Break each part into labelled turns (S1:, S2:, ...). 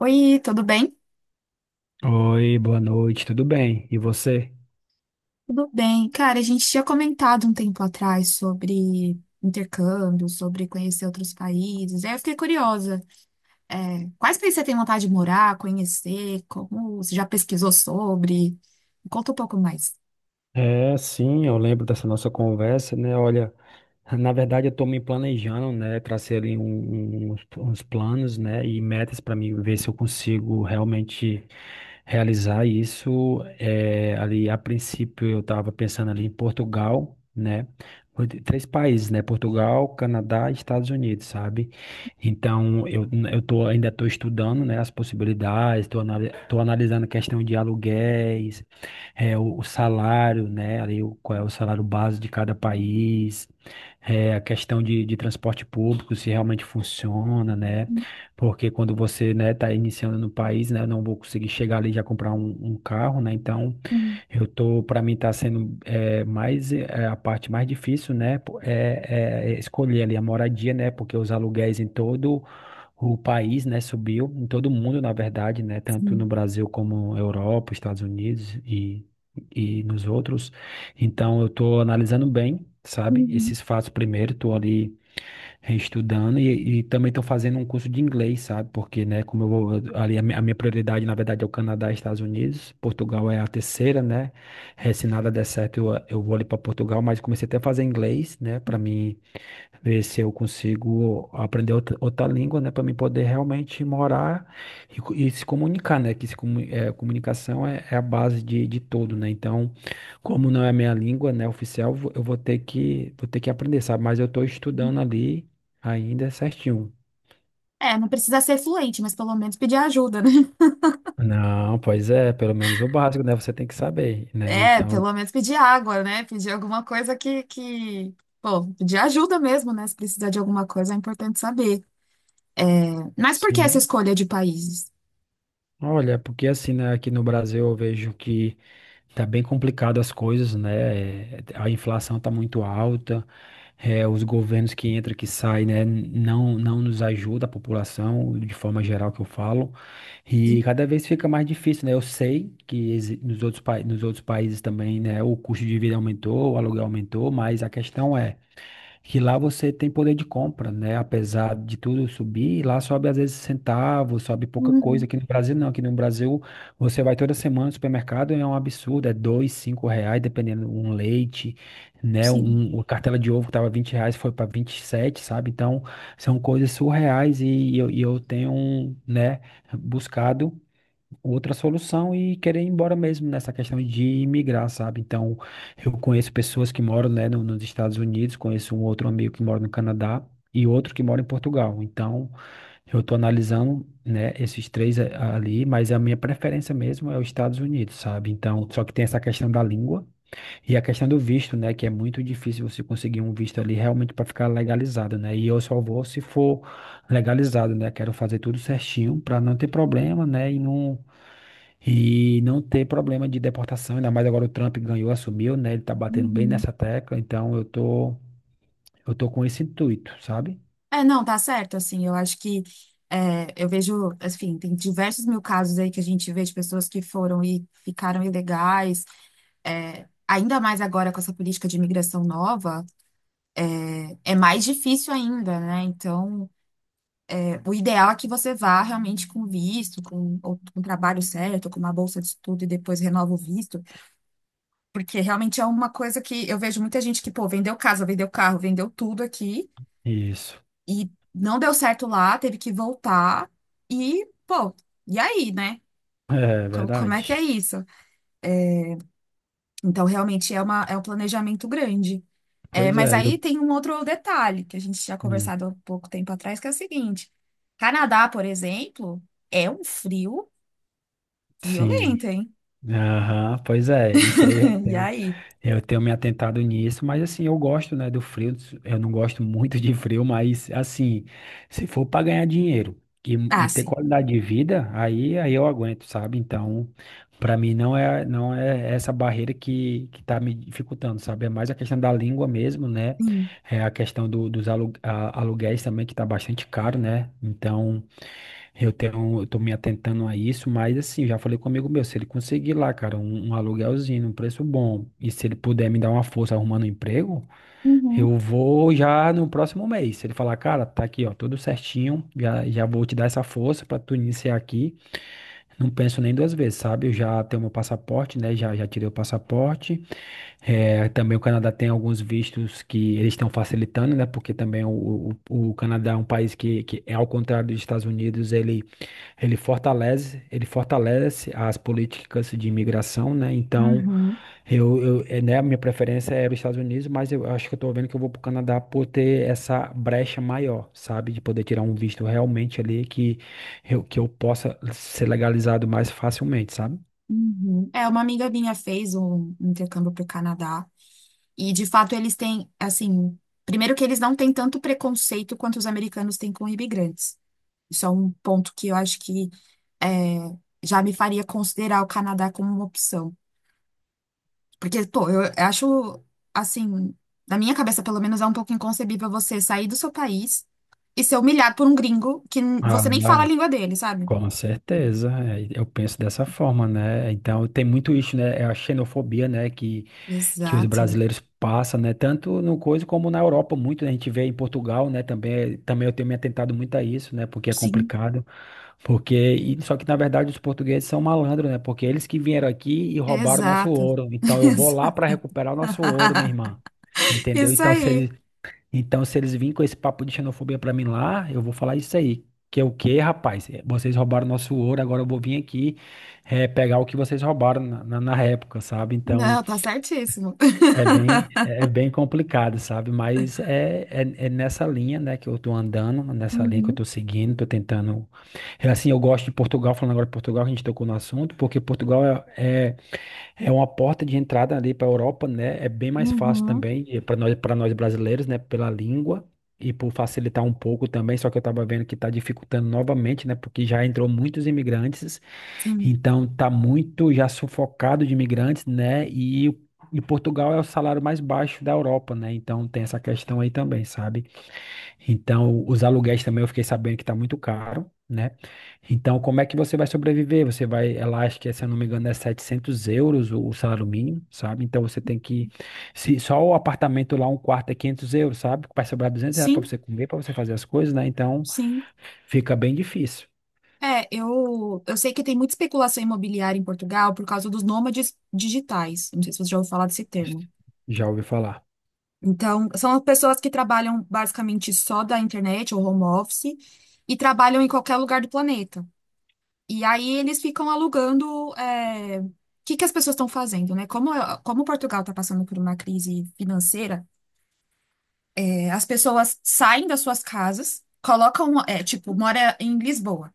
S1: Oi, tudo bem?
S2: Oi, boa noite, tudo bem? E você?
S1: Tudo bem. Cara, a gente tinha comentado um tempo atrás sobre intercâmbio, sobre conhecer outros países. Aí eu fiquei curiosa. É, quais países você tem vontade de morar, conhecer? Como você já pesquisou sobre? Me conta um pouco mais.
S2: Sim, eu lembro dessa nossa conversa, né? Olha. Na verdade, eu estou me planejando, né? Tracei ali uns planos, né? E metas para mim ver se eu consigo realmente realizar isso. Ali, a princípio, eu estava pensando ali em Portugal, né? Foi três países, né? Portugal, Canadá e Estados Unidos, sabe? Então, eu tô, ainda estou estudando, né? As possibilidades, estou anali tô analisando a questão de aluguéis, o salário, né? Ali, qual é o salário base de cada país. A questão de transporte público, se realmente funciona, né?
S1: Hum,
S2: Porque quando você, né, tá iniciando no país, né, eu não vou conseguir chegar ali e já comprar um carro, né? Então,
S1: hum,
S2: para mim tá sendo mais, a parte mais difícil, né? É escolher ali a moradia, né? Porque os aluguéis em todo o país, né, subiu, em todo mundo, na verdade, né? Tanto
S1: sim.
S2: no Brasil como Europa, Estados Unidos e nos outros. Então, eu estou analisando bem, sabe,
S1: Uhum.
S2: esses fatos primeiro, estou ali reestudando e também estou fazendo um curso de inglês, sabe, porque, né, como eu vou, ali a minha prioridade, na verdade, é o Canadá e Estados Unidos. Portugal é a terceira, né? Se nada der certo, eu vou ali para Portugal, mas comecei até a fazer inglês, né, para mim ver se eu consigo aprender outra língua, né, para mim poder realmente morar e se comunicar, né, que se, comu- é, comunicação é a base de tudo, né. Então, como não é a minha língua, né, oficial, eu vou ter que aprender, sabe, mas eu estou estudando ali ainda certinho.
S1: É, não precisa ser fluente, mas pelo menos pedir ajuda, né?
S2: Não, pois é, pelo menos o básico, né, você tem que saber, né,
S1: É,
S2: então.
S1: pelo menos pedir água, né? Pedir alguma coisa que... Pô, pedir ajuda mesmo, né? Se precisar de alguma coisa, é importante saber. Mas por que essa
S2: Sim.
S1: escolha de países?
S2: Olha, porque assim, né, aqui no Brasil eu vejo que tá bem complicado as coisas, né? A inflação tá muito alta. Os governos que entram, que saem, né, não nos ajuda a população, de forma geral que eu falo, e
S1: Sim,
S2: cada vez fica mais difícil, né? Eu sei que nos outros países também, né, o custo de vida aumentou, o aluguel aumentou, mas a questão é que lá você tem poder de compra, né? Apesar de tudo subir, lá sobe às vezes centavos, sobe pouca coisa.
S1: uhum,
S2: Aqui no Brasil não, aqui no Brasil você vai toda semana no supermercado e é um absurdo, é dois, cinco reais, dependendo um leite, né?
S1: sim.
S2: Uma cartela de ovo que tava R$ 20 foi para 27, sabe? Então são coisas surreais, e eu tenho, né, buscado outra solução e querer ir embora mesmo nessa questão de imigrar, sabe? Então, eu conheço pessoas que moram, né, nos Estados Unidos, conheço um outro amigo que mora no Canadá e outro que mora em Portugal. Então, eu estou analisando, né, esses três ali, mas a minha preferência mesmo é os Estados Unidos, sabe? Então, só que tem essa questão da língua e a questão do visto, né, que é muito difícil você conseguir um visto ali realmente para ficar legalizado, né? E eu só vou se for legalizado, né? Quero fazer tudo certinho para não ter problema, né? E não ter problema de deportação, ainda mais agora o Trump ganhou, assumiu, né? Ele tá batendo bem
S1: Uhum.
S2: nessa tecla, então eu tô com esse intuito, sabe?
S1: É, não, tá certo, assim, eu acho que é, eu vejo, assim, tem diversos mil casos aí que a gente vê de pessoas que foram e ficaram ilegais, é, ainda mais agora com essa política de imigração nova, é mais difícil ainda, né? Então, é, o ideal é que você vá realmente com visto, com, ou, com um trabalho certo, com uma bolsa de estudo e depois renova o visto, porque realmente é uma coisa que eu vejo muita gente que, pô, vendeu casa, vendeu carro, vendeu tudo aqui.
S2: Isso.
S1: E não deu certo lá, teve que voltar. E, pô, e aí, né?
S2: É
S1: Como é que é
S2: verdade.
S1: isso? Então, realmente é uma, é um planejamento grande. É,
S2: Pois
S1: mas
S2: é,
S1: aí
S2: eu,
S1: tem um outro detalhe que a gente tinha
S2: hum,
S1: conversado há pouco tempo atrás, que é o seguinte: Canadá, por exemplo, é um frio
S2: sim.
S1: violento, hein?
S2: Aham, pois é, isso aí eu
S1: E
S2: tenho,
S1: aí?
S2: eu tenho me atentado nisso, mas assim, eu gosto, né, do frio, eu não gosto muito de frio, mas assim, se for para ganhar dinheiro e,
S1: Ah,
S2: e ter
S1: sim.
S2: qualidade de vida, aí eu aguento, sabe? Então, para mim não é essa barreira que tá me dificultando, sabe? É mais a questão da língua mesmo, né?
S1: Sim.
S2: É a questão aluguéis também, que tá bastante caro, né? Então, eu tô me atentando a isso, mas assim, já falei com um amigo meu, se ele conseguir lá, cara, um aluguelzinho, um preço bom, e se ele puder me dar uma força arrumando um emprego,
S1: Uhum,
S2: eu vou já no próximo mês. Se ele falar, cara, tá aqui, ó, tudo certinho, já vou te dar essa força pra tu iniciar aqui. Não penso nem duas vezes, sabe? Eu já tenho meu passaporte, né? Já tirei o passaporte. É, também o Canadá tem alguns vistos que eles estão facilitando, né? Porque também o Canadá é um país que é ao contrário dos Estados Unidos. Ele fortalece as políticas de imigração, né? Então,
S1: uhum,
S2: né, a minha preferência era os Estados Unidos, mas eu acho que eu tô vendo que eu vou para o Canadá por ter essa brecha maior, sabe? De poder tirar um visto realmente ali que eu possa ser legalizado mais facilmente, sabe?
S1: uhum. É, uma amiga minha fez um intercâmbio para o Canadá. E de fato eles têm, assim, primeiro que eles não têm tanto preconceito quanto os americanos têm com imigrantes. Isso é um ponto que eu acho que é, já me faria considerar o Canadá como uma opção. Porque, pô, eu acho, assim, na minha cabeça pelo menos é um pouco inconcebível você sair do seu país e ser humilhado por um gringo que
S2: Ah,
S1: você nem fala a língua dele, sabe?
S2: com certeza, é, eu penso dessa forma, né? Então tem muito isso, né? É a xenofobia, né? Que os
S1: Exato.
S2: brasileiros passam, né? Tanto no coisa como na Europa, muito, né? A gente vê em Portugal, né? Também eu tenho me atentado muito a isso, né? Porque é
S1: Sim.
S2: complicado. Só que na verdade os portugueses são malandros, né? Porque eles que vieram aqui e roubaram nosso
S1: Exato.
S2: ouro. Então eu vou lá para recuperar o nosso ouro, minha irmã. Entendeu?
S1: Isso
S2: Então, se
S1: aí.
S2: eles então, se eles virem com esse papo de xenofobia pra mim lá, eu vou falar isso aí. Que é o quê, rapaz? Vocês roubaram nosso ouro, agora eu vou vir aqui pegar o que vocês roubaram na época, sabe? Então,
S1: Não, tá certíssimo.
S2: é bem, é é bem complicado, sabe? Mas é nessa linha, né, que eu tô andando, nessa linha que eu
S1: Uhum.
S2: tô seguindo, tô tentando. Assim, eu gosto de Portugal, falando agora de Portugal, que a gente tocou no assunto, porque Portugal é uma porta de entrada ali para a Europa, né? É bem mais fácil
S1: Uhum.
S2: também para nós brasileiros, né? Pela língua e por facilitar um pouco também. Só que eu estava vendo que está dificultando novamente, né? Porque já entrou muitos imigrantes,
S1: Sim,
S2: então tá muito já sufocado de imigrantes, né? E Portugal é o salário mais baixo da Europa, né? Então tem essa questão aí também, sabe? Então, os aluguéis também eu fiquei sabendo que está muito caro, né? Então, como é que você vai sobreviver? Ela acha que, se eu não me engano, é 700 euros o salário mínimo, sabe? Então, se só o apartamento lá, um quarto é 500 euros, sabe? Vai sobrar 200 reais para
S1: sim,
S2: você comer, para você fazer as coisas, né? Então,
S1: sim.
S2: fica bem difícil.
S1: É, eu sei que tem muita especulação imobiliária em Portugal por causa dos nômades digitais. Não sei se você já ouviu falar desse termo.
S2: Já ouvi falar.
S1: Então, são as pessoas que trabalham basicamente só da internet ou home office e trabalham em qualquer lugar do planeta. E aí eles ficam alugando. O que que as pessoas estão fazendo, né? Como Portugal está passando por uma crise financeira, é, as pessoas saem das suas casas, colocam, é, tipo, mora em Lisboa.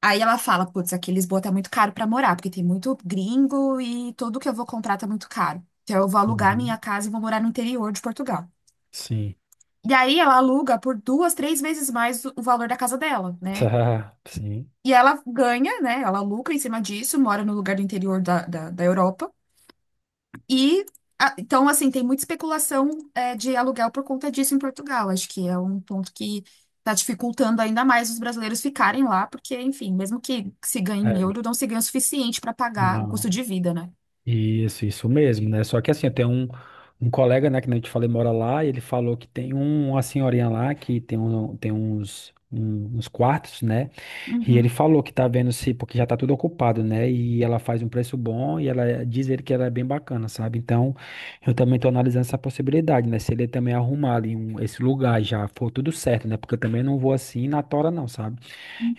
S1: Aí ela fala, putz, aqui em Lisboa tá muito caro pra morar, porque tem muito gringo e tudo que eu vou comprar tá muito caro. Então eu vou alugar minha
S2: Uhum.
S1: casa e vou morar no interior de Portugal.
S2: Sim.
S1: E aí ela aluga por duas, três vezes mais o valor da casa dela, né?
S2: Sim.
S1: E ela ganha, né? Ela lucra em cima disso, mora no lugar do interior da Europa. E, ah, então, assim, tem muita especulação, é, de aluguel por conta disso em Portugal. Acho que é um ponto que está dificultando ainda mais os brasileiros ficarem lá, porque, enfim, mesmo que se ganhe em euro,
S2: É.
S1: não se ganha o suficiente para pagar o custo
S2: Não.
S1: de vida, né?
S2: Isso mesmo, né? Só que assim, tem um colega, né, que nem eu te falei, mora lá, e ele falou que tem uma senhorinha lá que tem uns quartos, né? E ele
S1: Uhum,
S2: falou que tá vendo se, porque já tá tudo ocupado, né? E ela faz um preço bom e ela diz ele que ela é bem bacana, sabe? Então, eu também tô analisando essa possibilidade, né? Se ele também arrumar ali esse lugar já for tudo certo, né? Porque eu também não vou assim na tora, não, sabe?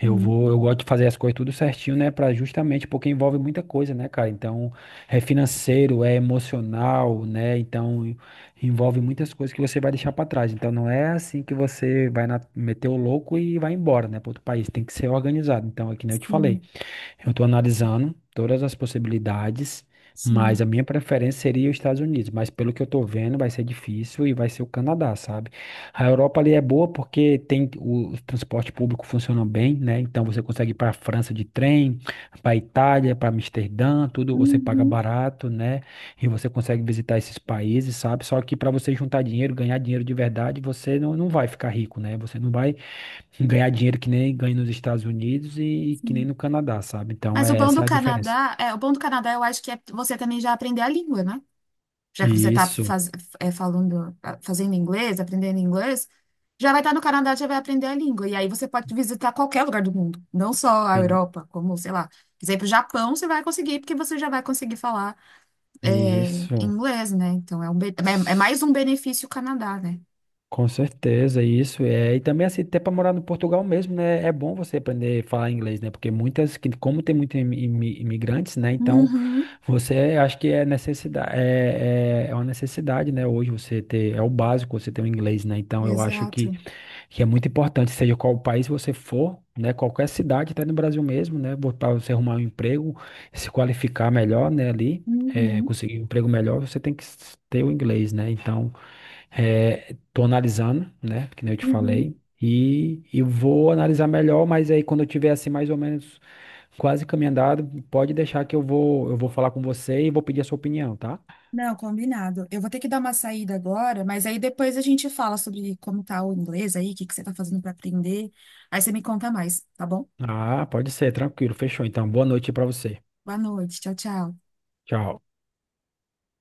S2: Eu gosto de fazer as coisas tudo certinho, né? Para, justamente porque envolve muita coisa, né, cara? Então, é financeiro, é emocional, né? Então, envolve muitas coisas que você vai deixar para trás. Então, não é assim que você vai meter o louco e vai embora, né, para outro país. Tem que ser organizado. Então, é que nem eu te falei.
S1: sim,
S2: Eu estou analisando todas as possibilidades,
S1: sim,
S2: mas a minha preferência seria os Estados Unidos. Mas pelo que eu estou vendo, vai ser difícil e vai ser o Canadá, sabe? A Europa ali é boa porque tem o transporte público funciona bem, né? Então você consegue ir para a França de trem, para a Itália, para Amsterdã, tudo você paga
S1: uhum,
S2: barato, né? E você consegue visitar esses países, sabe? Só que para você juntar dinheiro, ganhar dinheiro de verdade, você não vai ficar rico, né? Você não vai ganhar dinheiro que nem ganha nos Estados Unidos e que nem
S1: sim.
S2: no Canadá, sabe? Então,
S1: Mas o
S2: é
S1: bom do
S2: essa a diferença.
S1: Canadá, é, o bom do Canadá eu acho que é você também já aprender a língua, né? Já que você está
S2: Isso,
S1: faz, é, falando, fazendo inglês, aprendendo inglês, já vai estar no Canadá, já vai aprender a língua. E aí você pode visitar qualquer lugar do mundo, não só a
S2: tem-
S1: Europa, como, sei lá, quiser ir para o Japão, você vai conseguir, porque você já vai conseguir falar é,
S2: isso,
S1: inglês, né? Então é, é
S2: s-
S1: mais um benefício Canadá, né?
S2: com certeza, isso é. E também, assim, até para morar no Portugal mesmo, né? É bom você aprender a falar inglês, né? Porque como tem muitos imigrantes, né? Então,
S1: Uhum,
S2: você acho que é necessidade, é uma necessidade, né? Hoje você ter, é o básico você ter o inglês, né? Então, eu acho que.
S1: exato.
S2: que é muito importante, seja qual país você for, né, qualquer cidade, até no Brasil mesmo, né, para você arrumar um emprego, se qualificar melhor, né, ali,
S1: Uhum,
S2: conseguir um emprego melhor, você tem que ter o inglês, né, então. Tô analisando, né, que nem eu te
S1: uhum.
S2: falei, e vou analisar melhor, mas aí quando eu tiver, assim, mais ou menos quase caminho andado, pode deixar que eu vou falar com você e vou pedir a sua opinião, tá?
S1: Não, combinado. Eu vou ter que dar uma saída agora, mas aí depois a gente fala sobre como tá o inglês aí, o que que você tá fazendo para aprender. Aí você me conta mais, tá bom?
S2: Ah, pode ser, tranquilo, fechou, então, boa noite para você,
S1: Boa noite. Tchau, tchau.
S2: tchau.